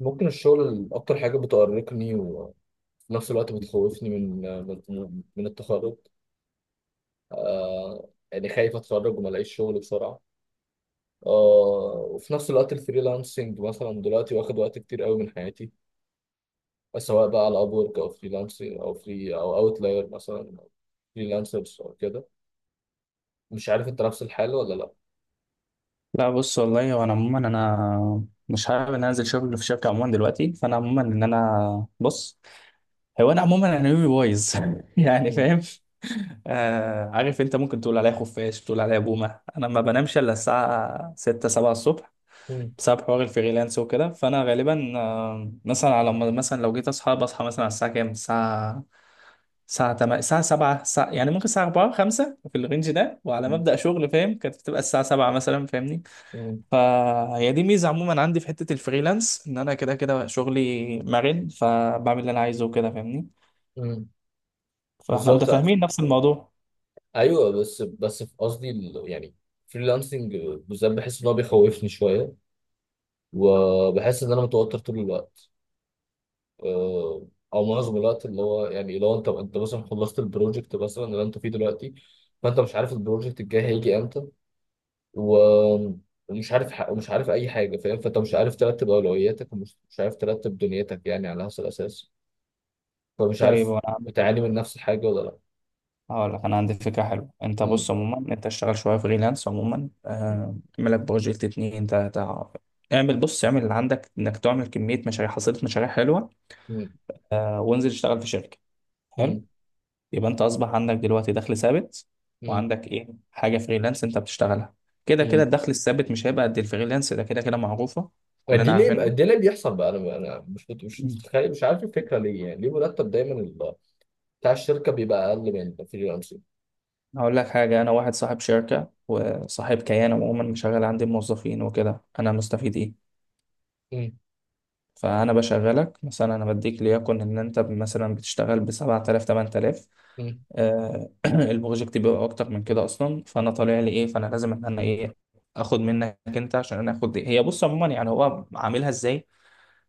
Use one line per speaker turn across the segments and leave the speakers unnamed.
ممكن الشغل أكتر حاجة بتأرقني، وفي نفس الوقت بتخوفني من التخرج. آه، يعني خايف أتخرج وما ألاقيش شغل بسرعة. آه، وفي نفس الوقت الفريلانسنج مثلا دلوقتي واخد وقت كتير قوي من حياتي، سواء بقى على أبورك أو فريلانسنج أو فري أو أوتلاير مثلا أو فريلانسرز أو كده. مش عارف أنت نفس الحال ولا لأ؟
لا بص، والله وانا عموما مش حابب ان أنا انزل شغل في شركه عموما دلوقتي، فانا عموما ان انا بص. هو انا عموما انا يومي بايظ يعني
مم.
فاهم. آه، عارف انت ممكن تقول عليا خفاش، تقول عليا بومه، انا ما بنامش الا الساعه 6 7 الصبح
مم.
بسبب حوار الفريلانس وكده. فانا غالبا آه مثلا على ما- مثلا لو جيت اصحى بصحى مثلا على الساعه كام، الساعه الساعة 8 الساعة 7 الساعة، يعني ممكن الساعة 4 5 في الرينج ده، وعلى
مم.
مبدأ شغل فاهم كانت بتبقى الساعة 7 مثلا، فاهمني.
مم.
فهي دي ميزة عموما عندي في حتة الفريلانس، ان انا كده كده شغلي مرن فبعمل اللي انا عايزه وكده، فاهمني.
مم.
فاحنا
بالظبط.
متفاهمين نفس الموضوع.
أيوه، بس في قصدي يعني فريلانسنج بالذات بحس إن هو بيخوفني شوية، وبحس ان انا متوتر طول الوقت، آه، او معظم الوقت، اللي هو يعني لو انت مثلا خلصت البروجكت مثلا اللي انت فيه دلوقتي، فانت مش عارف البروجكت الجاي هيجي امتى، و- ومش عارف اي حاجه، فاهم؟ فانت مش عارف ترتب اولوياتك، ومش مش عارف ترتب دنيتك يعني على هذا الاساس، فمش
طيب
عارف
وانا عندي
بتعاني
فكرة،
من نفس الحاجه ولا لا.
هقول لك انا عندي فكرة حلوة. انت
مم.
بص عموما، انت اشتغل شوية فريلانس عموما، آه، اعمل لك بروجكت اتنين تلاتة. اعمل بص، اعمل اللي عندك انك تعمل كمية مشاريع، حصيلة مشاريع حلوة.
مم.
آه، وانزل اشتغل في شركة. حلو.
مم.
يبقى انت اصبح عندك دلوقتي دخل ثابت،
مم.
وعندك ايه حاجه فريلانس انت بتشتغلها. كده كده
مم.
الدخل الثابت مش هيبقى قد الفريلانس، ده كده كده معروفه، كلنا عارفينها.
دي ليه بيحصل بقى؟ انا مش متخيل، مش عارف الفكره ليه يعني، ليه مرتب دايما بتاع الشركة بيبقى أقل من الفريلانسنج؟
هقول لك حاجه، انا واحد صاحب شركه وصاحب كيان عموما، مشغل عندي موظفين وكده، انا مستفيد ايه؟
مم.
فأنا بشغلك مثلا، أنا بديك ليكن إن أنت مثلا بتشتغل بسبعة آلاف تمن آلاف.
مم.
البروجكت بيبقى أكتر من كده أصلا، فأنا طالع لي إيه؟ فأنا لازم إن أنا إيه، آخد منك أنت عشان أنا آخد دي. هي بص عموما، يعني هو عاملها إزاي؟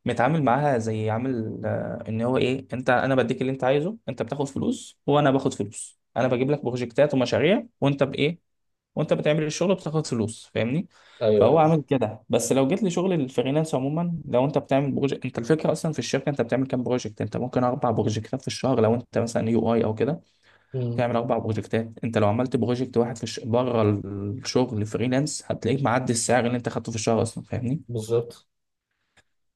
متعامل معاها زي عامل آه، إن هو إيه، أنت أنا بديك اللي أنت عايزه، أنت بتاخد فلوس وأنا باخد فلوس، أنا بجيب لك بروجكتات ومشاريع وأنت بإيه، وانت بتعمل الشغل بتاخد فلوس، فاهمني.
أيوه،
فهو
أيوه.
عامل كده. بس لو جيت لشغل الفريلانس عموما، لو انت بتعمل بروجكت انت، الفكره اصلا في الشركه انت بتعمل كام بروجكت، انت ممكن اربع بروجكتات في الشهر لو انت مثلا يو اي او كده،
مم.
تعمل اربع بروجكتات. انت لو عملت بروجكت واحد بره الشغل فريلانس، هتلاقيك معدي السعر اللي انت خدته في الشهر اصلا، فاهمني.
بالظبط.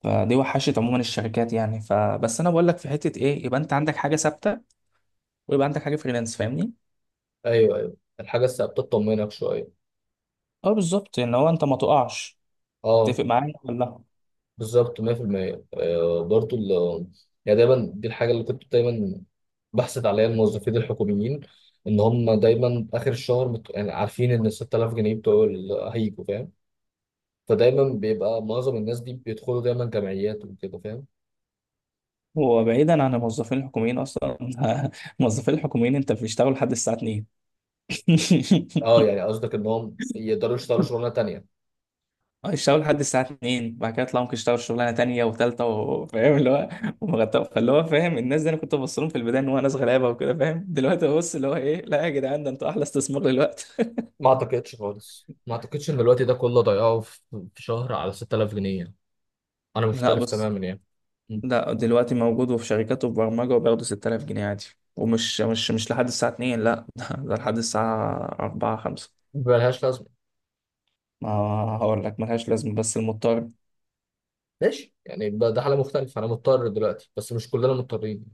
فدي وحشت عموما الشركات يعني. فبس انا بقول لك في حته ايه، يبقى انت عندك حاجه ثابته ويبقى عندك حاجه فريلانس، فاهمني.
أيوه، أيوه، الحاجة الثابتة تطمنك شوية.
اه بالظبط، ان هو انت ما تقعش.
أه،
تتفق معايا ولا؟
بالظبط 100%. برضو يعني دايما دي الحاجة اللي كنت دايما بحسد عليها الموظفين الحكوميين، إن هم دايما آخر الشهر يعني عارفين إن 6000 جنيه هيجوا، فاهم؟ فدايما بيبقى معظم الناس دي بيدخلوا دايما جمعيات وكده، فاهم؟
هو بعيدا عن الموظفين الحكوميين اصلا الموظفين الحكوميين انت بيشتغلوا لحد الساعه 2
أه، يعني قصدك إنهم يقدروا يشتغلوا شغلانة تانية.
يشتغلوا لحد الساعه 2، بعد كده يطلعوا ممكن يشتغلوا شغلانه تانيه وثالثه، وفاهم اللي هو ومغطى. فاللي هو فاهم، الناس دي انا كنت ببص لهم في البدايه ان هو ناس غلابه وكده فاهم، دلوقتي ببص اللي هو ايه، لا يا جدعان ده انتوا احلى استثمار دلوقتي
ما اعتقدش خالص، ما اعتقدش ان الوقت ده كله ضيعه في شهر على 6000 جنيه يعني. انا
لا
مختلف
بص،
تماما يعني. م.
لا دلوقتي موجود، وفي شركات وفي برمجه وبياخدوا 6000 جنيه عادي، ومش مش مش لحد الساعه 2 لا ده لحد الساعه 4 5.
ملهاش لازمه.
ما هقول لك ملهاش لازمة، بس المضطر.
ماشي يعني ده حاله مختلفه، انا مضطر دلوقتي بس مش كلنا مضطرين.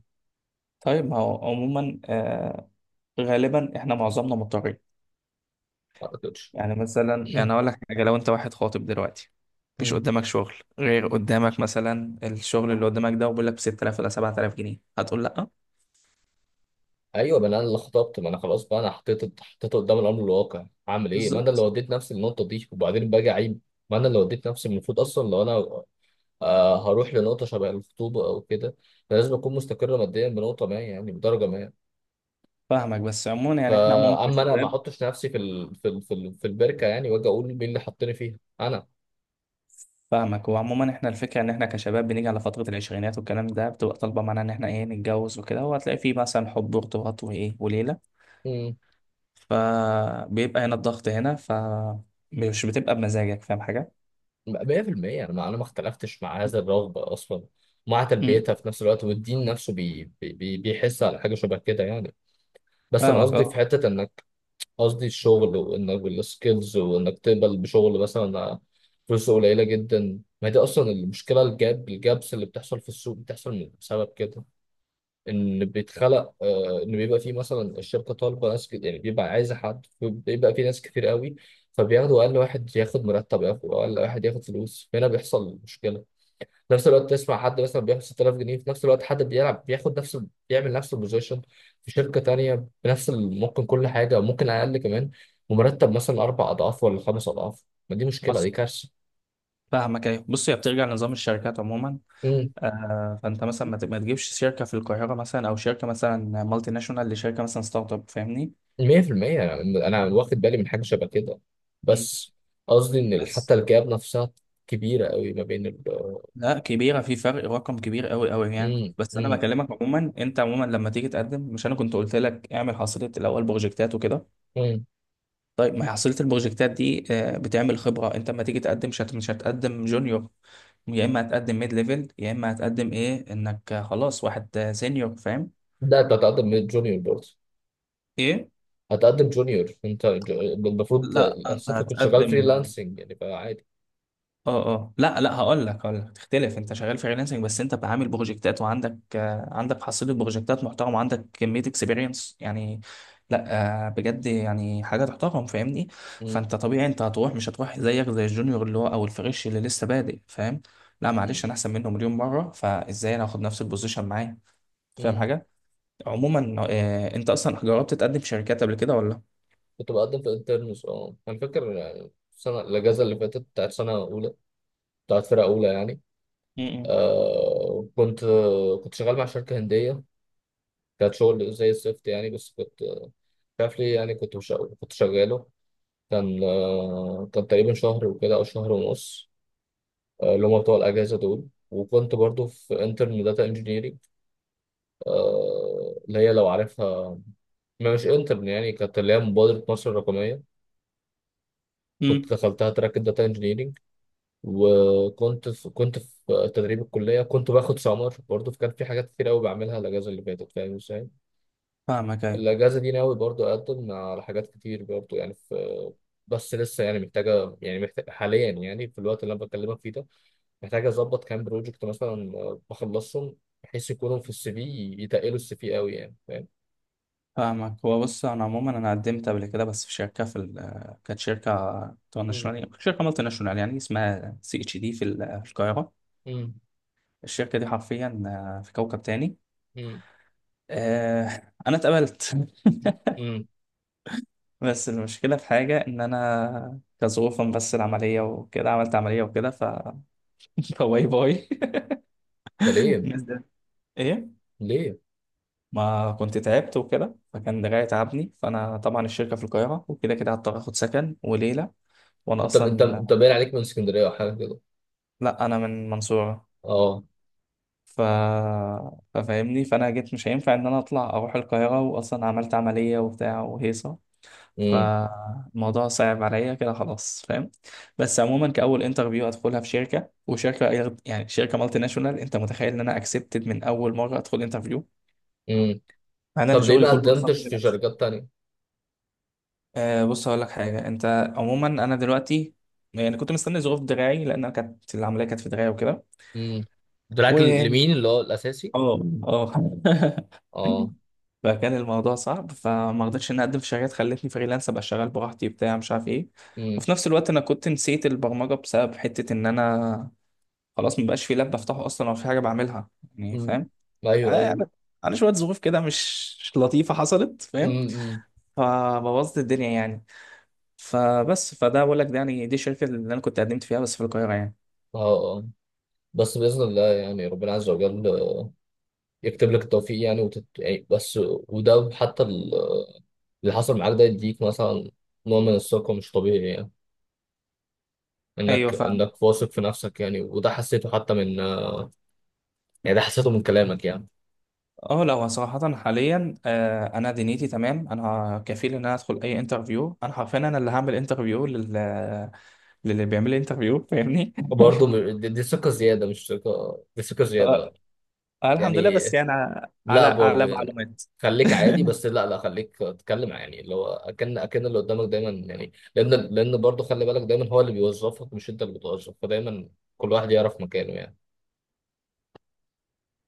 طيب ما هو عموما آه، غالبا احنا معظمنا مضطرين.
ما اعتقدش.
يعني مثلا يعني اقول لك حاجه، لو انت واحد خاطب دلوقتي، مفيش
م.
قدامك شغل غير قدامك مثلا الشغل اللي قدامك ده، وبيقول لك ب 6000 ولا 7000 جنيه، هتقول لا؟
ايوه، ما انا اللي خطبت، ما انا خلاص بقى، انا حطيت قدام الامر الواقع، هعمل ايه؟ ما انا اللي
بالظبط.
وديت نفسي للنقطه دي، وبعدين باجي اعيب. ما انا اللي وديت نفسي، المفروض اصلا لو انا هروح لنقطه شبه الخطوبه او كده، أنا لازم اكون مستقر ماديا بنقطه ما، يعني بدرجه ما.
فاهمك، بس عموما يعني احنا عموما
فاما انا ما
كشباب.
احطش نفسي في البركه، يعني واجي اقول مين اللي حطني فيها انا.
فاهمك، وعموما احنا الفكره ان احنا كشباب بنيجي على فتره العشرينات والكلام ده، بتبقى طالبه معانا ان احنا ايه نتجوز وكده، وهتلاقي فيه مثلا حب وارتباط وايه وليله،
امم.
فبيبقى هنا الضغط هنا فمش بتبقى بمزاجك، فاهم حاجه؟
100%، انا ما اختلفتش مع هذا الرغبه اصلا، مع تلبيتها في نفس الوقت. والدين نفسه بيحس على حاجه شبه كده يعني. بس انا
فاهمك
قصدي في
اه.
حته انك الشغل، وانك السكيلز، وانك تقبل بشغل مثلا فلوس قليله جدا. ما هي دي اصلا المشكله، الجاب الجابس اللي بتحصل في السوق بتحصل بسبب كده. ان بيتخلق، ان بيبقى فيه مثلا الشركه طالبه ناس يعني بيبقى عايزه حد، بيبقى فيه ناس كتير قوي، فبياخدوا اقل واحد ياخد مرتب، ياخد اقل واحد ياخد فلوس، هنا بيحصل مشكله. في نفس الوقت تسمع حد مثلا بياخد 6000 جنيه، في نفس الوقت حد بيلعب بياخد نفس، بيعمل نفس البوزيشن في شركه تانية بنفس ممكن كل حاجه ممكن اقل كمان، ومرتب مثلا اربع اضعاف ولا خمس اضعاف، ما دي مشكله،
بس
دي كارثه.
فاهمك ايوه. بص هي بترجع لنظام الشركات عموما،
إمم.
آه. فانت مثلا ما تجيبش شركه في القاهره مثلا، او شركه مثلا مالتي ناشونال لشركه مثلا ستارت اب، فاهمني.
مية في المية، أنا واخد بالي من حاجة شبه كده.
مم.
بس قصدي إن
بس،
حتى الجاب نفسها كبيرة قوي ما بين ال.
لا كبيره في فرق رقم كبير قوي قوي يعني.
مم.
بس انا
مم.
بكلمك عموما، انت عموما لما تيجي تقدم، مش انا كنت قلت لك اعمل حصيله الاول بروجكتات وكده.
مم.
طيب ما هي حصيله البروجكتات دي آه، بتعمل خبره. انت لما تيجي تقدم مش هتقدم جونيور، يا اما هتقدم ميد ليفل، يا اما هتقدم ايه انك خلاص واحد سينيور، فاهم؟
ده أنت هتقدم جونيور برضه،
ايه،
هتقدم جونيور أنت المفروض
لا انت
أصل أنت كنت شغال
هتقدم.
فريلانسنج يعني فعادي.
اه اه، لا لا، هقول لك تختلف. انت شغال فريلانسنج بس انت عامل بروجكتات وعندك آه، عندك حصيله بروجكتات محترم وعندك كميه اكسبيرينس يعني. لا آه، بجد يعني حاجه تحترم، فاهمني.
مم.
فانت طبيعي انت هتروح، مش هتروح زيك زي الجونيور اللي هو، او الفريش اللي لسه بادئ، فاهم؟ لا معلش
مم.
انا احسن منه مليون مره، فازاي انا هاخد نفس البوزيشن معاه؟ فاهم
مم.
حاجه؟ عموما آه، انت اصلا جربت تقدم في شركات قبل كده ولا؟
كنت بقدم في انترنز. أنا فاكر يعني السنة الأجازة اللي فاتت بتاعت سنة أولى، بتاعت فرقة أولى يعني. آه كنت كنت شغال مع شركة هندية، كانت شغل زي الزفت يعني، بس كنت شاف لي يعني، كنت مش... كنت شغاله. كان تقريبا شهر وكده او شهر ونص، اللي هم بتوع الاجازه دول. وكنت برضو في انترن داتا انجينيرنج، اللي هي لو عارفها، ما مش انترن يعني، كانت اللي هي مبادره مصر الرقميه،
امم.
كنت دخلتها تراك الداتا انجينيرنج. وكنت في تدريب الكليه، كنت باخد سمر برضو، فكان في حاجات كتير قوي بعملها الاجازه اللي فاتت، فاهم ازاي؟
فاهمك أيوة.
الأجازة دي ناوي برضو أقدم على حاجات كتير برضو، يعني في، بس لسه يعني محتاجة يعني محتاج حاليا، يعني في الوقت اللي أنا بكلمك فيه ده، محتاج أظبط كام بروجكت مثلا، بخلصهم بحيث يكونوا في السي في، يتقلوا السي في قوي يعني، فاهم؟
فاهمك. هو بص انا عموما انا قدمت قبل كده، بس في شركه في ال- آه، كانت شركه
مم.
ناشونال، شركه مالتي ناشونال يعني، اسمها سي اتش دي في ال- آه، في القاهره.
مم.
الشركه دي حرفيا آه، في كوكب تاني.
مم.
آه، انا اتقبلت
مم.
بس المشكله في حاجه ان انا كظروفا، بس العمليه وكده، عملت عمليه وكده ف باي باي
ده ليه؟
الناس ده ايه؟
ليه؟
ما كنت تعبت وكده، فكان دراعي تعبني. فانا طبعا الشركه في القاهره وكده كده هضطر اخد سكن وليله، وانا
أنت أنت
اصلا،
أنت باين عليك من اسكندرية أو حاجة كده.
لا انا من منصورة.
أه.
ف... ففاهمني. فانا جيت مش هينفع ان انا اطلع اروح القاهرة، واصلا عملت عملية وبتاع وهيصة،
مم.
فالموضوع صعب عليا كده خلاص، فاهم؟ بس عموما كاول انترفيو ادخلها في شركة، يعني شركة مالتي ناشونال، انت متخيل ان انا اكسبتد من اول مرة ادخل انترفيو،
مم.
مع ان انا
طب ليه
شغلي
ما
كله اصلا
قدمتش في
فريلانس.
شركات تانية؟
أه بص هقول لك حاجة، انت عموما، انا دلوقتي يعني كنت مستني ظروف دراعي، لان أنا كانت العملية كانت في دراعي وكده.
مم. دراك لمين اللي هو الأساسي؟
اه اه
أه.
فكان الموضوع صعب، فما رضيتش اني اقدم في شركات، خلتني فريلانس ابقى شغال براحتي بتاع مش عارف ايه.
مم.
وفي نفس الوقت انا كنت نسيت البرمجه بسبب حته ان انا خلاص مبقاش في لاب بفتحه اصلا ولا في حاجه بعملها يعني،
مم.
فاهم. على
أيوه،
يعني، على شويه ظروف كده، مش لطيفه حصلت، فاهم.
أيوه.
فبوظت الدنيا يعني. فبس فده بقول لك، ده يعني دي الشركه اللي انا كنت قدمت فيها، بس في القاهره يعني.
اه. آه. بس بإذن الله، يعني ربنا عز وجل يكتب لك التوفيق يعني، يعني بس وده حتى اللي حصل معاك ده يديك مثلا نوع من الثقة مش طبيعي يعني،
ايوه
انك
فاهم.
انك واثق في نفسك يعني. وده حسيته حتى من آه، يعني ده حسيته من كلامك يعني.
اه لو صراحة حاليا آه، انا دنيتي تمام، انا كفيل ان انا ادخل اي انترفيو، انا حرفيا انا اللي هعمل انترفيو للي بيعمل لي انترفيو، فاهمني.
وبرضه دي ثقة زيادة، مش ثقة دي ثقة
آه،
زيادة
الحمد لله،
يعني.
بس يعني على
لا برضه
على
يعني
معلومات
خليك عادي، بس لا، لا، خليك تتكلم يعني، اللي هو اكن اللي قدامك دايما، يعني لان برضه خلي بالك دايما هو اللي بيوظفك مش انت اللي بتوظف، فدايما كل واحد يعرف مكانه يعني.